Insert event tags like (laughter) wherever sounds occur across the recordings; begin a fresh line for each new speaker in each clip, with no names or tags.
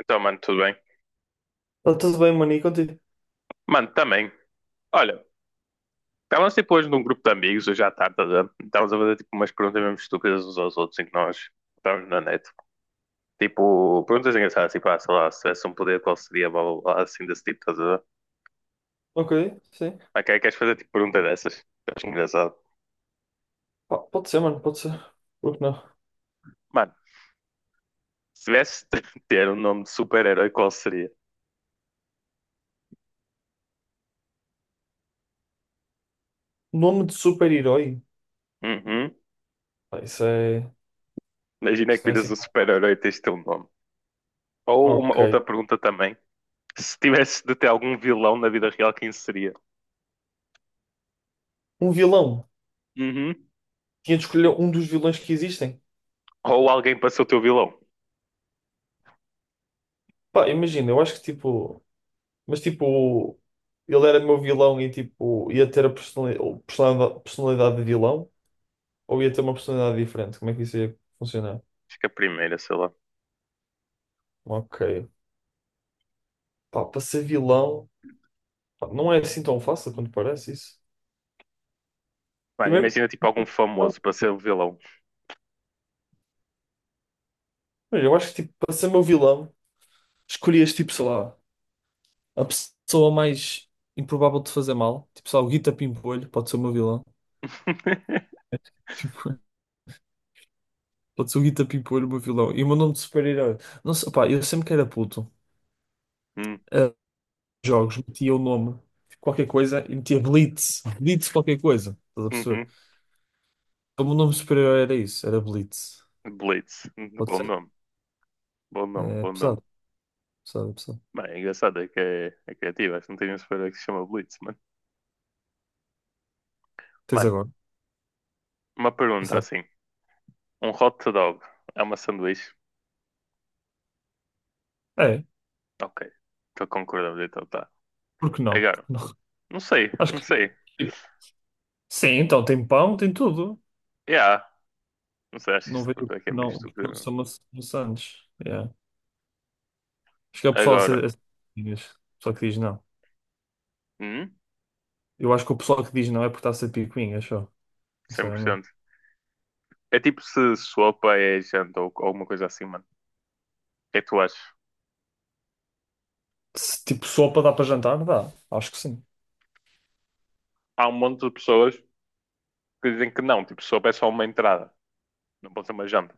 Então, mano, tudo bem?
Tá tudo bem, mano, e contigo?
Mano, também. Olha, estávamos tipo hoje num grupo de amigos, hoje à tarde, tá vendo? Estávamos a fazer tipo umas perguntas mesmo estúpidas uns aos outros, em que nós estávamos na net. Tipo, perguntas engraçadas, tipo, ah, sei lá, se tivesse um poder, qual seria, blá, blá, blá, assim desse tipo, estás a ver?
Ok, sim.
Ok, queres fazer tipo pergunta dessas? Eu acho engraçado.
Pá, pode ser, mano, pode ser. Por que não?
Mano, se tivesse (laughs) de ter um nome de super-herói, qual seria?
Nome de super-herói?
Uhum.
Pá, isso é.
Imagina
Isso
que
não é
viras
assim.
um super-herói e tens de ter um nome. Ou uma
Ok.
outra pergunta também. Se tivesse de ter algum vilão na vida real, quem seria?
Um vilão.
Uhum.
Tinha de escolher um dos vilões que existem.
Ou alguém para ser o teu vilão.
Pá, imagina, eu acho que tipo. Mas tipo. Ele era meu vilão e tipo. Ia ter a ou personalidade de vilão? Ou ia ter uma personalidade diferente? Como é que isso ia funcionar?
Acho que a primeira, sei lá.
Ok. Pá, para ser vilão. Pá, não é assim tão fácil quanto parece isso.
Mano,
Primeiro.
imagina tipo algum famoso para ser o vilão.
Mas eu acho que tipo, para ser meu vilão, escolhias tipo, sei lá, a pessoa mais improvável de fazer mal. Tipo, sei lá, o Guita Pimpolho pode ser o meu vilão.
(laughs)
Tipo, (laughs) pode ser o Guita Pimpolho o meu vilão. E o meu nome de super-herói. Não sei, pá, eu sempre que era puto,
Hum,
a jogos, metia o nome, tipo, qualquer coisa, e metia Blitz. Blitz qualquer coisa. Estás a perceber?
uhum.
Então, o meu nome de super-herói era isso, era Blitz.
Blitz.
Pode
Bom
ser?
nome. Bom nome,
É
bom nome.
pesado, pesado, pesado.
Mano, é engraçado, é que é, é criativo. Acho que não tem nenhum super que se chama Blitz, mano.
Tens
Mano,
agora,
uma pergunta
pesado.
assim. Um hot dog é uma sanduíche?
É,
Ok. Estou concordando, então tá.
por que não? Por
Agora,
que não?
não sei,
(laughs) Acho
não
que.
sei.
Sim, então tem pão, tem tudo.
Yeah, não sei, acho que
Não
esta
vejo
pergunta aqui é
que
meio
não, porque
estúpida,
não
meu.
são maçantes. Yeah. Acho que é o pessoal a
Agora,
ser, a ser picuinhas. O pessoal que diz não.
hum,
Eu acho que o pessoal que diz não é porque está a ser picuinha, acho.
cem por
Sinceramente.
cento É tipo se sopa é janta ou alguma coisa assim, mano. Que é que tu achas?
Se, tipo, sopa dá para jantar? Dá. Acho que sim.
Há um monte de pessoas que dizem que não, tipo, sopa é só uma entrada, não pode ser uma janta.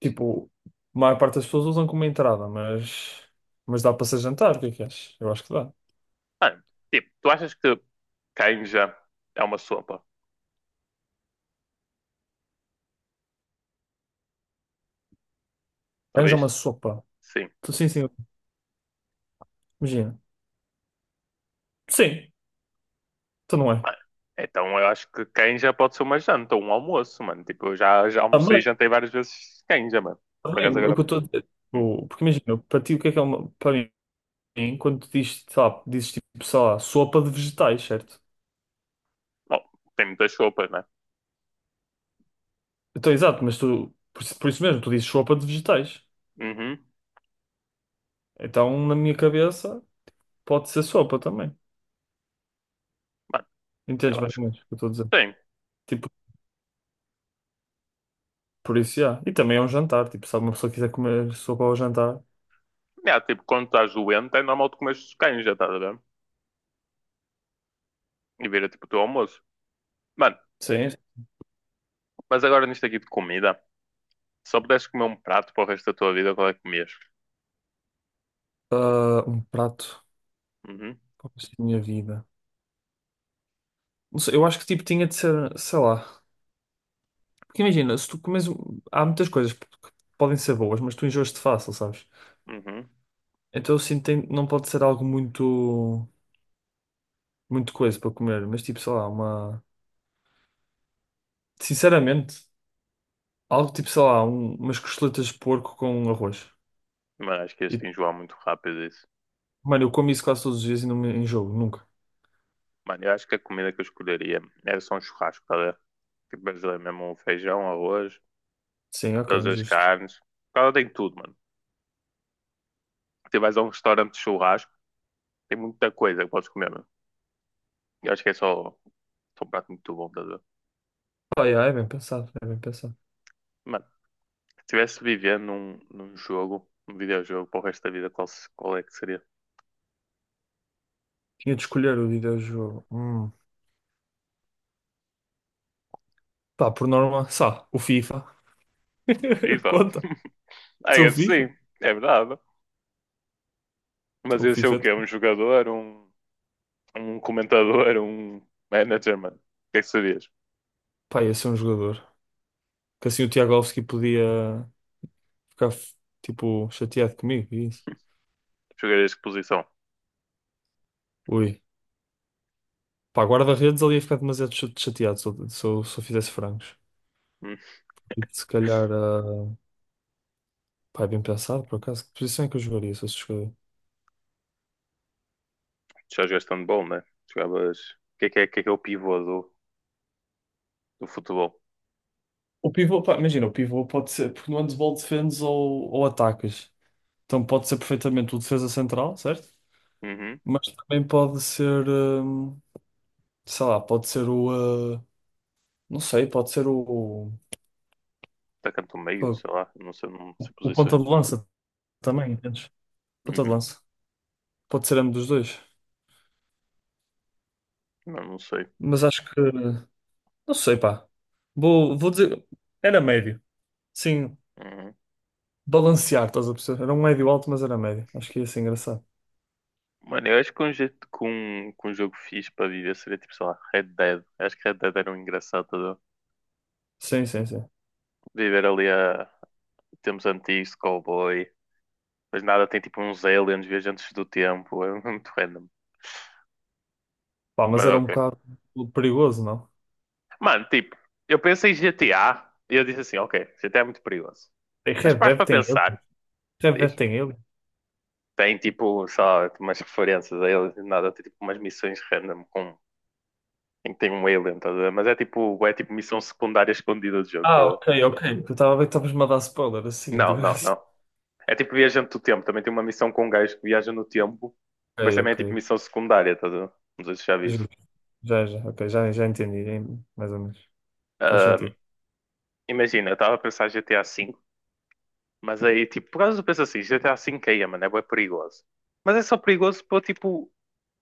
Tipo, a maior parte das pessoas usam como entrada, mas dá para ser jantar. O que é que achas? Eu acho que dá.
Mano, tipo, tu achas que canja é uma sopa,
Arranja uma
talvez?
sopa.
Sim.
Sim, sim. Imagina. Sim, então não é.
Mano, então eu acho que canja pode ser uma janta ou um almoço, mano. Tipo, eu já almocei e
Também,
jantei várias vezes canja, mano. Por
também.
acaso
O
agora.
que eu estou a dizer.
Hum,
Tipo, porque imagina, para ti, o que é uma. Para mim, quando tu dizes, sei lá, dizes tipo, sei lá, sopa de vegetais, certo?
bom, tem muitas sopas, né?
Então, exato, mas tu, isso por isso mesmo, tu dizes sopa de vegetais.
Uhum.
Então, na minha cabeça, pode ser sopa também.
Mano,
Entendes
eu
mais
acho
ou
que
menos o que eu estou a dizer?
tem.
Tipo, por isso, já. E também é um jantar, tipo, se uma pessoa quiser comer sopa ao jantar.
É, tipo, quando estás doente, é normal tu comeres canja, estás a ver? E vira tipo o teu almoço. Mano,
Sim.
mas agora nisto aqui de comida. Se só pudesses comer um prato para o resto da tua vida, qual é que comias?
Ah, um prato
Uhum,
para o resto da minha vida. Não sei, eu acho que tipo tinha de ser, sei lá. Porque imagina, se tu comes. Há muitas coisas que podem ser boas, mas tu enjoas-te fácil, sabes?
uhum.
Então eu sinto que não pode ser algo muito. Muito coisa para comer, mas tipo, sei lá, uma. Sinceramente, algo tipo, sei lá, umas costeletas de porco com arroz.
Mas acho que
E,
este enjoar muito rápido isso.
mano, eu como isso quase todos os dias e não me enjoo, nunca.
Mano, eu acho que a comida que eu escolheria era só um churrasco, tá a ver? Tipo, brasileiro mesmo, um feijão, arroz,
Sim, ok,
todas
é
as
justo.
carnes. Ela tem tudo, mano. Tu vais a um restaurante de churrasco, tem muita coisa que podes comer, mano. Eu acho que é só, só um prato muito bom, tá a ver?
Pá, yeah, é bem pensado, é bem pensado.
Mano, se estivesse vivendo num jogo, num videojogo para o resto da vida, qual, qual é que seria?
Tinha de escolher o videojogo. Hum. Pá, por norma, só, o FIFA. (laughs)
FIFA?
Conta.
I
Sou o
guess
FIFA.
sim, é verdade. Mas
Sou o
ia ser
FIFA,
o quê?
então.
Um jogador, um. Um comentador, um manager, mano. O que é que serias?
Pá, ia ser um jogador. Que assim o Tiagovski podia ficar, tipo, chateado comigo e isso.
Jogarias que posição?
Ui. Pá, guarda-redes ali ia ficar demasiado chateado se eu fizesse frangos.
Hum?
E se calhar, pá, é bem pensado, por acaso. Que posição é que eu jogaria se eu escolher?
Já jogaste handball, né? Jogavas. O que é que é, que é, que é o pivô do, do futebol?
O pivô, pá, imagina, o pivô pode ser, porque no handball defendes ou atacas. Então pode ser perfeitamente o defesa central, certo?
Uhum.
Mas também pode ser, sei lá, pode ser o, ah, não sei, pode ser
Atacante do meio,
o,
sei lá. Não sei, não sei
o ponta
posições.
de lança também, entendes? Ponta de
Uhum.
lança. Pode ser ambos dos dois.
Não, não sei.
Mas acho que, não sei, pá. Vou dizer, era médio. Sim,
Uhum.
balancear, estás a perceber? Era um médio alto, mas era médio. Acho que ia ser engraçado.
Mano, eu acho que um, jeito, que um jogo fixe para viver seria tipo, sei lá, Red Dead. Eu acho que Red Dead era um engraçado, tá a ver?
Sim, sim, sim.
Viver ali a tempos antigos, cowboy. Mas nada, tem tipo uns aliens viajantes do tempo. É muito random.
Pá,
Mas
mas era um
ok.
bocado perigoso, não?
Mano, tipo, eu pensei em GTA e eu disse assim, ok, GTA é muito perigoso.
Tem
Mas
Red
pares
Dead
para
tem ele.
pensar,
Red Dead
diz,
tem ele.
tem tipo só umas referências a eles e nada, tem tipo umas missões random com, em que tem um alien, estás a ver? Mas é tipo missão secundária escondida do jogo, estás
Ah,
a ver?
ok, ok. Eu estava a ver que estavas-me a dar spoiler assim, de
Não, não,
graça.
não. É tipo viajante do tempo, também tem uma missão com um gajo que viaja no tempo,
Ok,
mas também é tipo
ok.
missão secundária, estás a ver? Não sei se já viste.
Justo. Já, já, ok, já, já entendi, hein? Mais ou menos. Faz
Ah,
sentido.
imagina, eu estava a pensar em GTA V. Mas aí, tipo, por causa eu penso assim, GTA V caía, mano, é bué perigoso. Mas é só perigoso para, tipo,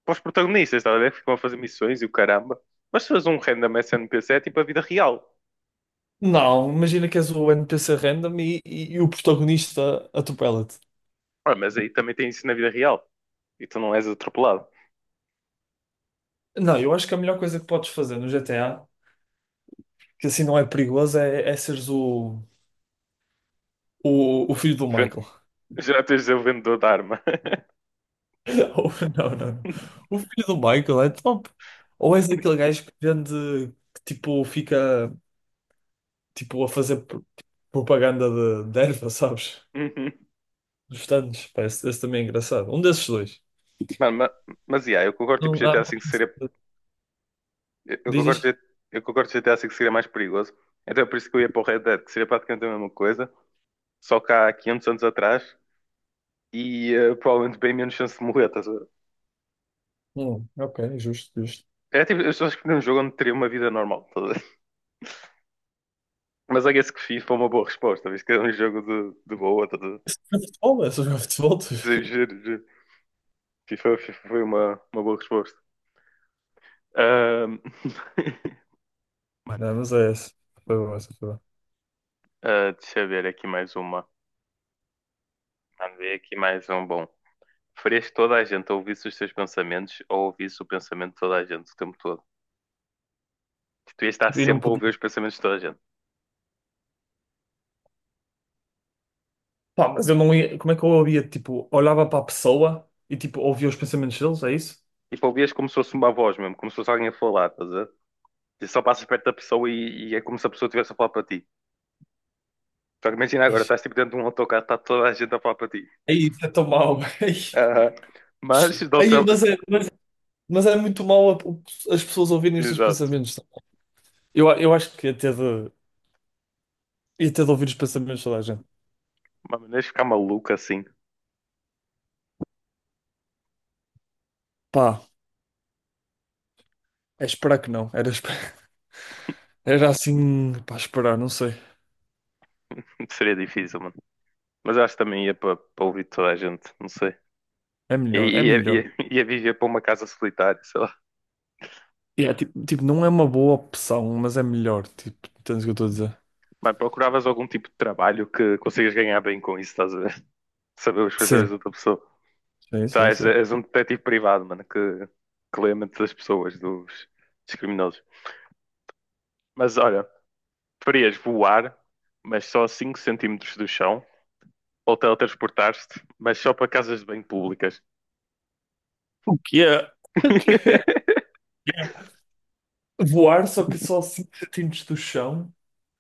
para os protagonistas, estás a ver? Que ficam a fazer missões e o caramba. Mas se fores um random SNPC é tipo a vida real.
Não, imagina que és o NPC random e o protagonista atropela-te.
Ah, mas aí também tem isso na vida real. E tu não és atropelado.
Não, eu acho que a melhor coisa que podes fazer no GTA, que assim não é perigoso, é seres o filho do
Ven-
Michael.
(laughs) Já tens o vendedor de arma.
(laughs) Ou- Não, não, não.
(laughs)
O filho do Michael é top. Ou és aquele gajo que vende, que tipo, fica tipo, a fazer propaganda de erva, sabes?
Uhum.
Dos tantos. Parece, esse também é engraçado. Um desses dois.
Mano, mas, yeah, eu concordo, tipo,
Não, há
GTA V seria... Eu
diz,
concordo,
diz.
Eu concordo que GTA V seria mais perigoso. Então é por isso que eu ia para o Red Dead, que seria praticamente a mesma coisa. Só que há 500 anos atrás. E provavelmente bem menos chance de morrer, estás a ver?
Ok, justo, justo.
É tipo, eu acho que num jogo onde teria uma vida normal, tá a ver? Mas I guess que FIFA é uma boa resposta, visto que é um jogo de boa. Tá a ver?
Isso não é futebol, isso não é futebol, tu.
Giro,
(laughs)
giro, FIFA, FIFA foi uma boa resposta. Ahm, (laughs) Mano,
Não, mas é esse. Foi bom, essa foi boa.
ah, deixa eu ver aqui mais uma. Vamos ver aqui mais um bom. Preferias que toda a gente ouvisse os teus pensamentos ou ouvisse o pensamento de toda a gente o tempo todo? Que tu ias estar
Tipo, e não
sempre a
podia.
ouvir os pensamentos de toda a gente.
Pá, mas eu não ia. Como é que eu ouvia? Tipo, olhava para a pessoa e tipo, ouvia os pensamentos deles, é isso?
Tipo, ouvias como se fosse uma voz mesmo, como se fosse alguém a falar, estás a ver? E só passas perto da pessoa e é como se a pessoa estivesse a falar para ti. Só que imagina
É
agora,
isso,
estás tipo dentro de um autocarro, está toda a gente a falar para ti.
é isso, é tão mau. (laughs)
Ah, mas de
Aí,
outra.
mas é muito mal as pessoas ouvirem estes
Exato.
pensamentos, sabe? Eu acho que ia ter de ouvir os pensamentos de toda a gente.
Mas maneiras de ficar maluco assim
Pá, é esperar que não. (laughs) Era assim, pá, esperar, não sei.
(laughs) seria difícil, mano. Mas eu acho que também ia para ouvir toda a gente, não sei.
É
E-
melhor, é
e- Ia,
melhor.
ia, ia viver para uma casa solitária, sei lá.
E é, tipo, não é uma boa opção, mas é melhor. Tipo, entendes o que eu estou a dizer?
Mas procuravas algum tipo de trabalho que consigas ganhar bem com isso, estás a ver? (laughs) Saber os pensamentos
Sim,
de outra pessoa.
sim,
Tá,
sim,
és,
sim.
és um detetive privado, mano, que lê a mente das pessoas, dos, dos criminosos. Mas olha, preferias voar, mas só a 5 centímetros do chão ou teletransportaste, mas só para casas de banho públicas.
O que é? O que é?
(laughs)
Voar só que só 5 cm do chão?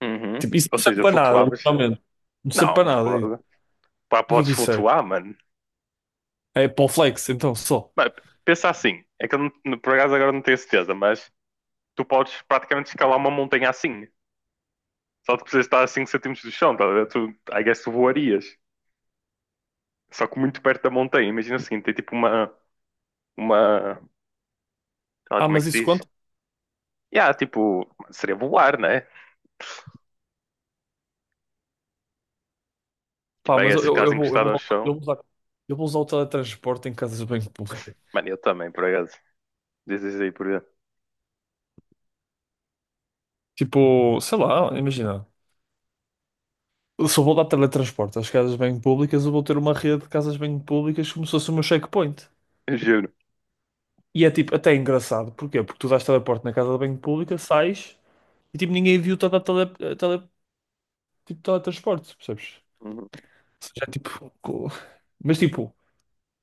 Uhum.
Tipo, isso
Ou
não serve
seja,
para nada,
flutuavas?
literalmente. Não serve para
Não,
nada, é isso.
foda. Pá,
Para que é
podes
que isso serve?
flutuar, mano.
É para o flex, então, só.
Mas pensa assim, é que eu por acaso agora não tenho certeza, mas tu podes praticamente escalar uma montanha assim. Só que precisas estar a 5 centímetros do chão, tá a ver? Tu, I guess tu voarias. Só que muito perto da montanha. Imagina assim, tem tipo uma, sei lá
Ah,
como é que
mas
se
isso
diz?
quanto?
Yeah, tipo, seria voar, né?
Pá,
Tipo, I
mas
guess ficares encostado ao chão.
eu vou usar o teletransporte em casas de banho público.
Mano, eu também, por acaso. Dizes aí, por exemplo.
Tipo, sei lá, imagina. Eu vou dar teletransporte às casas de banho públicas, eu vou ter uma rede de casas de banho públicas como se fosse o meu checkpoint.
(laughs) Juro.
E é tipo, até é engraçado. Porquê? Porque tu dás teleporte na casa de banho pública, sais e tipo, ninguém viu-te a dar tele, tipo, teletransporte, percebes?
Uhum.
Ou seja, é tipo, co-. Mas tipo,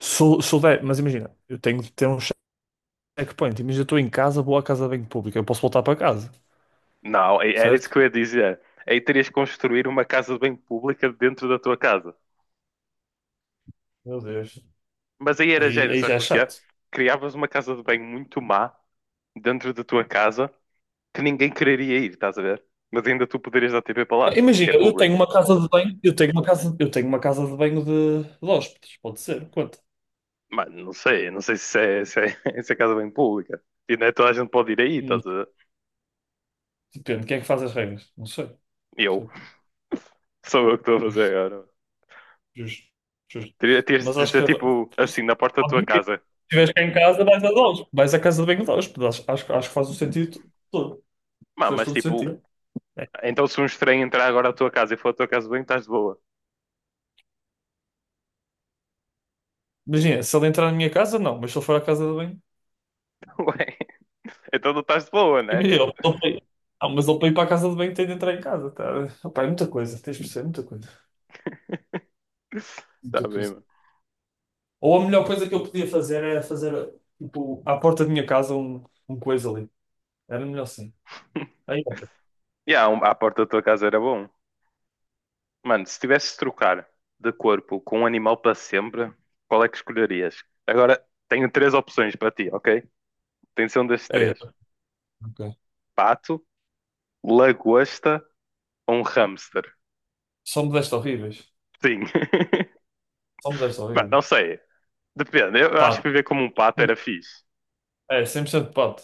sou sou se mas imagina, eu tenho de ter um checkpoint. Imagina, eu estou em casa, vou à casa de banho pública, eu posso voltar para casa,
Não, era isso
certo?
que eu ia dizer. Aí terias que construir uma casa de banho pública dentro da tua casa.
Meu Deus.
Mas aí era
Aí,
gênio,
aí já
sabes
é
porquê?
chato.
Criavas uma casa de banho muito má dentro da tua casa que ninguém quereria ir, estás a ver? Mas ainda tu poderias dar TV para lá,
Ah, imagina,
porque é
eu tenho
público.
uma casa de banho, eu tenho uma casa, eu tenho uma casa de banho de hóspedes, pode ser, conta.
Mas não sei, não sei se é, (laughs) se é casa de banho pública. E não é toda a gente pode ir aí,
Hum,
estás a ver?
Depende, quem é que faz as regras? Não sei.
Eu,
Percebes?
sou eu que estou a fazer agora.
Justo, justo.
Terias
Mas
de
acho
dizer,
que
tipo, assim, na porta da tua
pode vir.
casa.
Se estiveres cá em casa, vais a hóspedes, vais à casa de banho de hóspedes. Acho que faz o sentido todo. Faz
Mas
todo
tipo,
sentido. É.
então se um estranho entrar agora à tua casa e for à tua casa de banho, estás de boa.
Imagina, se ele entrar na minha casa, não, mas se ele for à casa de banho,
(laughs) Ué, então não estás de boa, né?
imagina, não, mas ele para ir para a casa de banho tem de entrar em casa, tá? Opa, é muita coisa, tens de perceber, muita coisa.
Tá
Muita
bem,
coisa.
mano.
Ou a melhor coisa que eu podia fazer era fazer, tipo, à porta da minha casa um coisa ali. Era melhor assim. Aí,
E a porta da tua casa era bom. Mano, se tivesse de trocar de corpo com um animal para sempre, qual é que escolherias? Agora, tenho três opções para ti, ok? Tem de ser um destes
é,
três.
Ok.
Pato, lagosta ou um hamster.
Só me deste horríveis.
Sim. (laughs)
Só me deste
Mano,
horríveis.
não sei. Depende. Eu acho que
Pato.
viver como um pato era fixe.
É, 100% pato.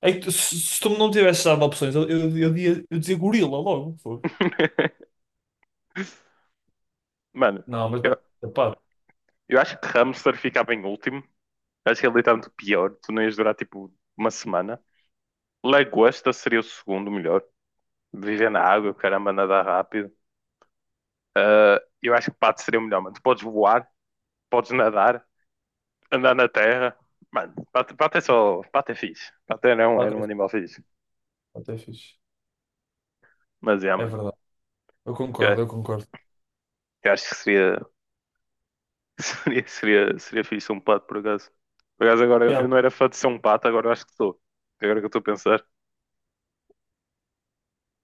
É que se tu não tivesse dado opções, eu dizia gorila logo. Foi.
(laughs) Mano,
Não, mas vai
eu,
ser pato.
eu acho que hamster ficava em último. Eu acho que ele é literalmente o pior. Tu não ias durar, tipo, uma semana. Lagosta seria o segundo melhor. Viver na água, caramba, nadar rápido. Ah, eu acho que pato seria o melhor, mano. Tu podes voar, podes nadar, andar na terra. Mano, pato, pato é só. Pato é fixe. Pato era
Pato
um
é,
animal fixe.
pato é fixe.
Mas é,
É
mano.
verdade. Eu
Eu,
concordo, eu concordo.
eu acho que seria, (laughs) seria fixe um pato, por acaso. Por acaso, agora
Yeah,
eu não era fã de ser um pato, agora eu acho que sou. Agora que eu estou a pensar.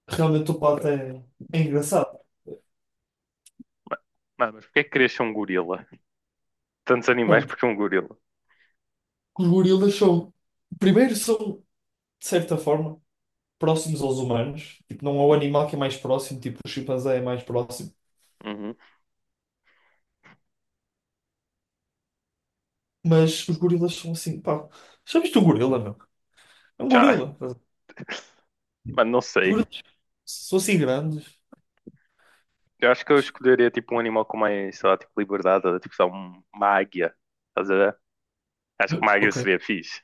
realmente o pato é, engraçado.
Mano, mas porquê é que querias ser um gorila? Tantos animais,
Mano, porque
porque um gorila?
os gorilas são. Primeiro são, de certa forma. Próximos aos humanos. Tipo, não é o animal que é mais próximo, tipo, o chimpanzé é mais próximo.
Uhum.
Mas os gorilas são assim, pá. Já viste um gorila, meu? É um
Já,
gorila. Os
mano, não sei.
gorilas são assim grandes.
Eu acho que eu escolheria tipo um animal com mais, sei lá, tipo liberdade, tipo só uma águia. Estás a ver? Acho que uma águia
Ok,
seria fixe.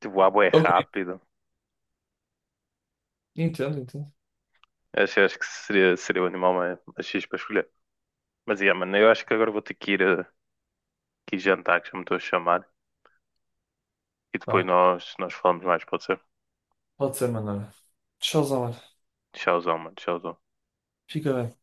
Tipo, voar bué
ok.
rápido.
Entendo, entendo.
Acho, acho que seria, seria o animal mais, mais fixe para escolher. Mas, yeah, mano, eu acho que agora vou ter que ir, que ir jantar, que já me estou a chamar. E depois
Pá,
nós falamos mais, pode ser?
pode ser, mano. Tchauzão, mano.
Tchauzão, mano, tchauzão.
Fica bem.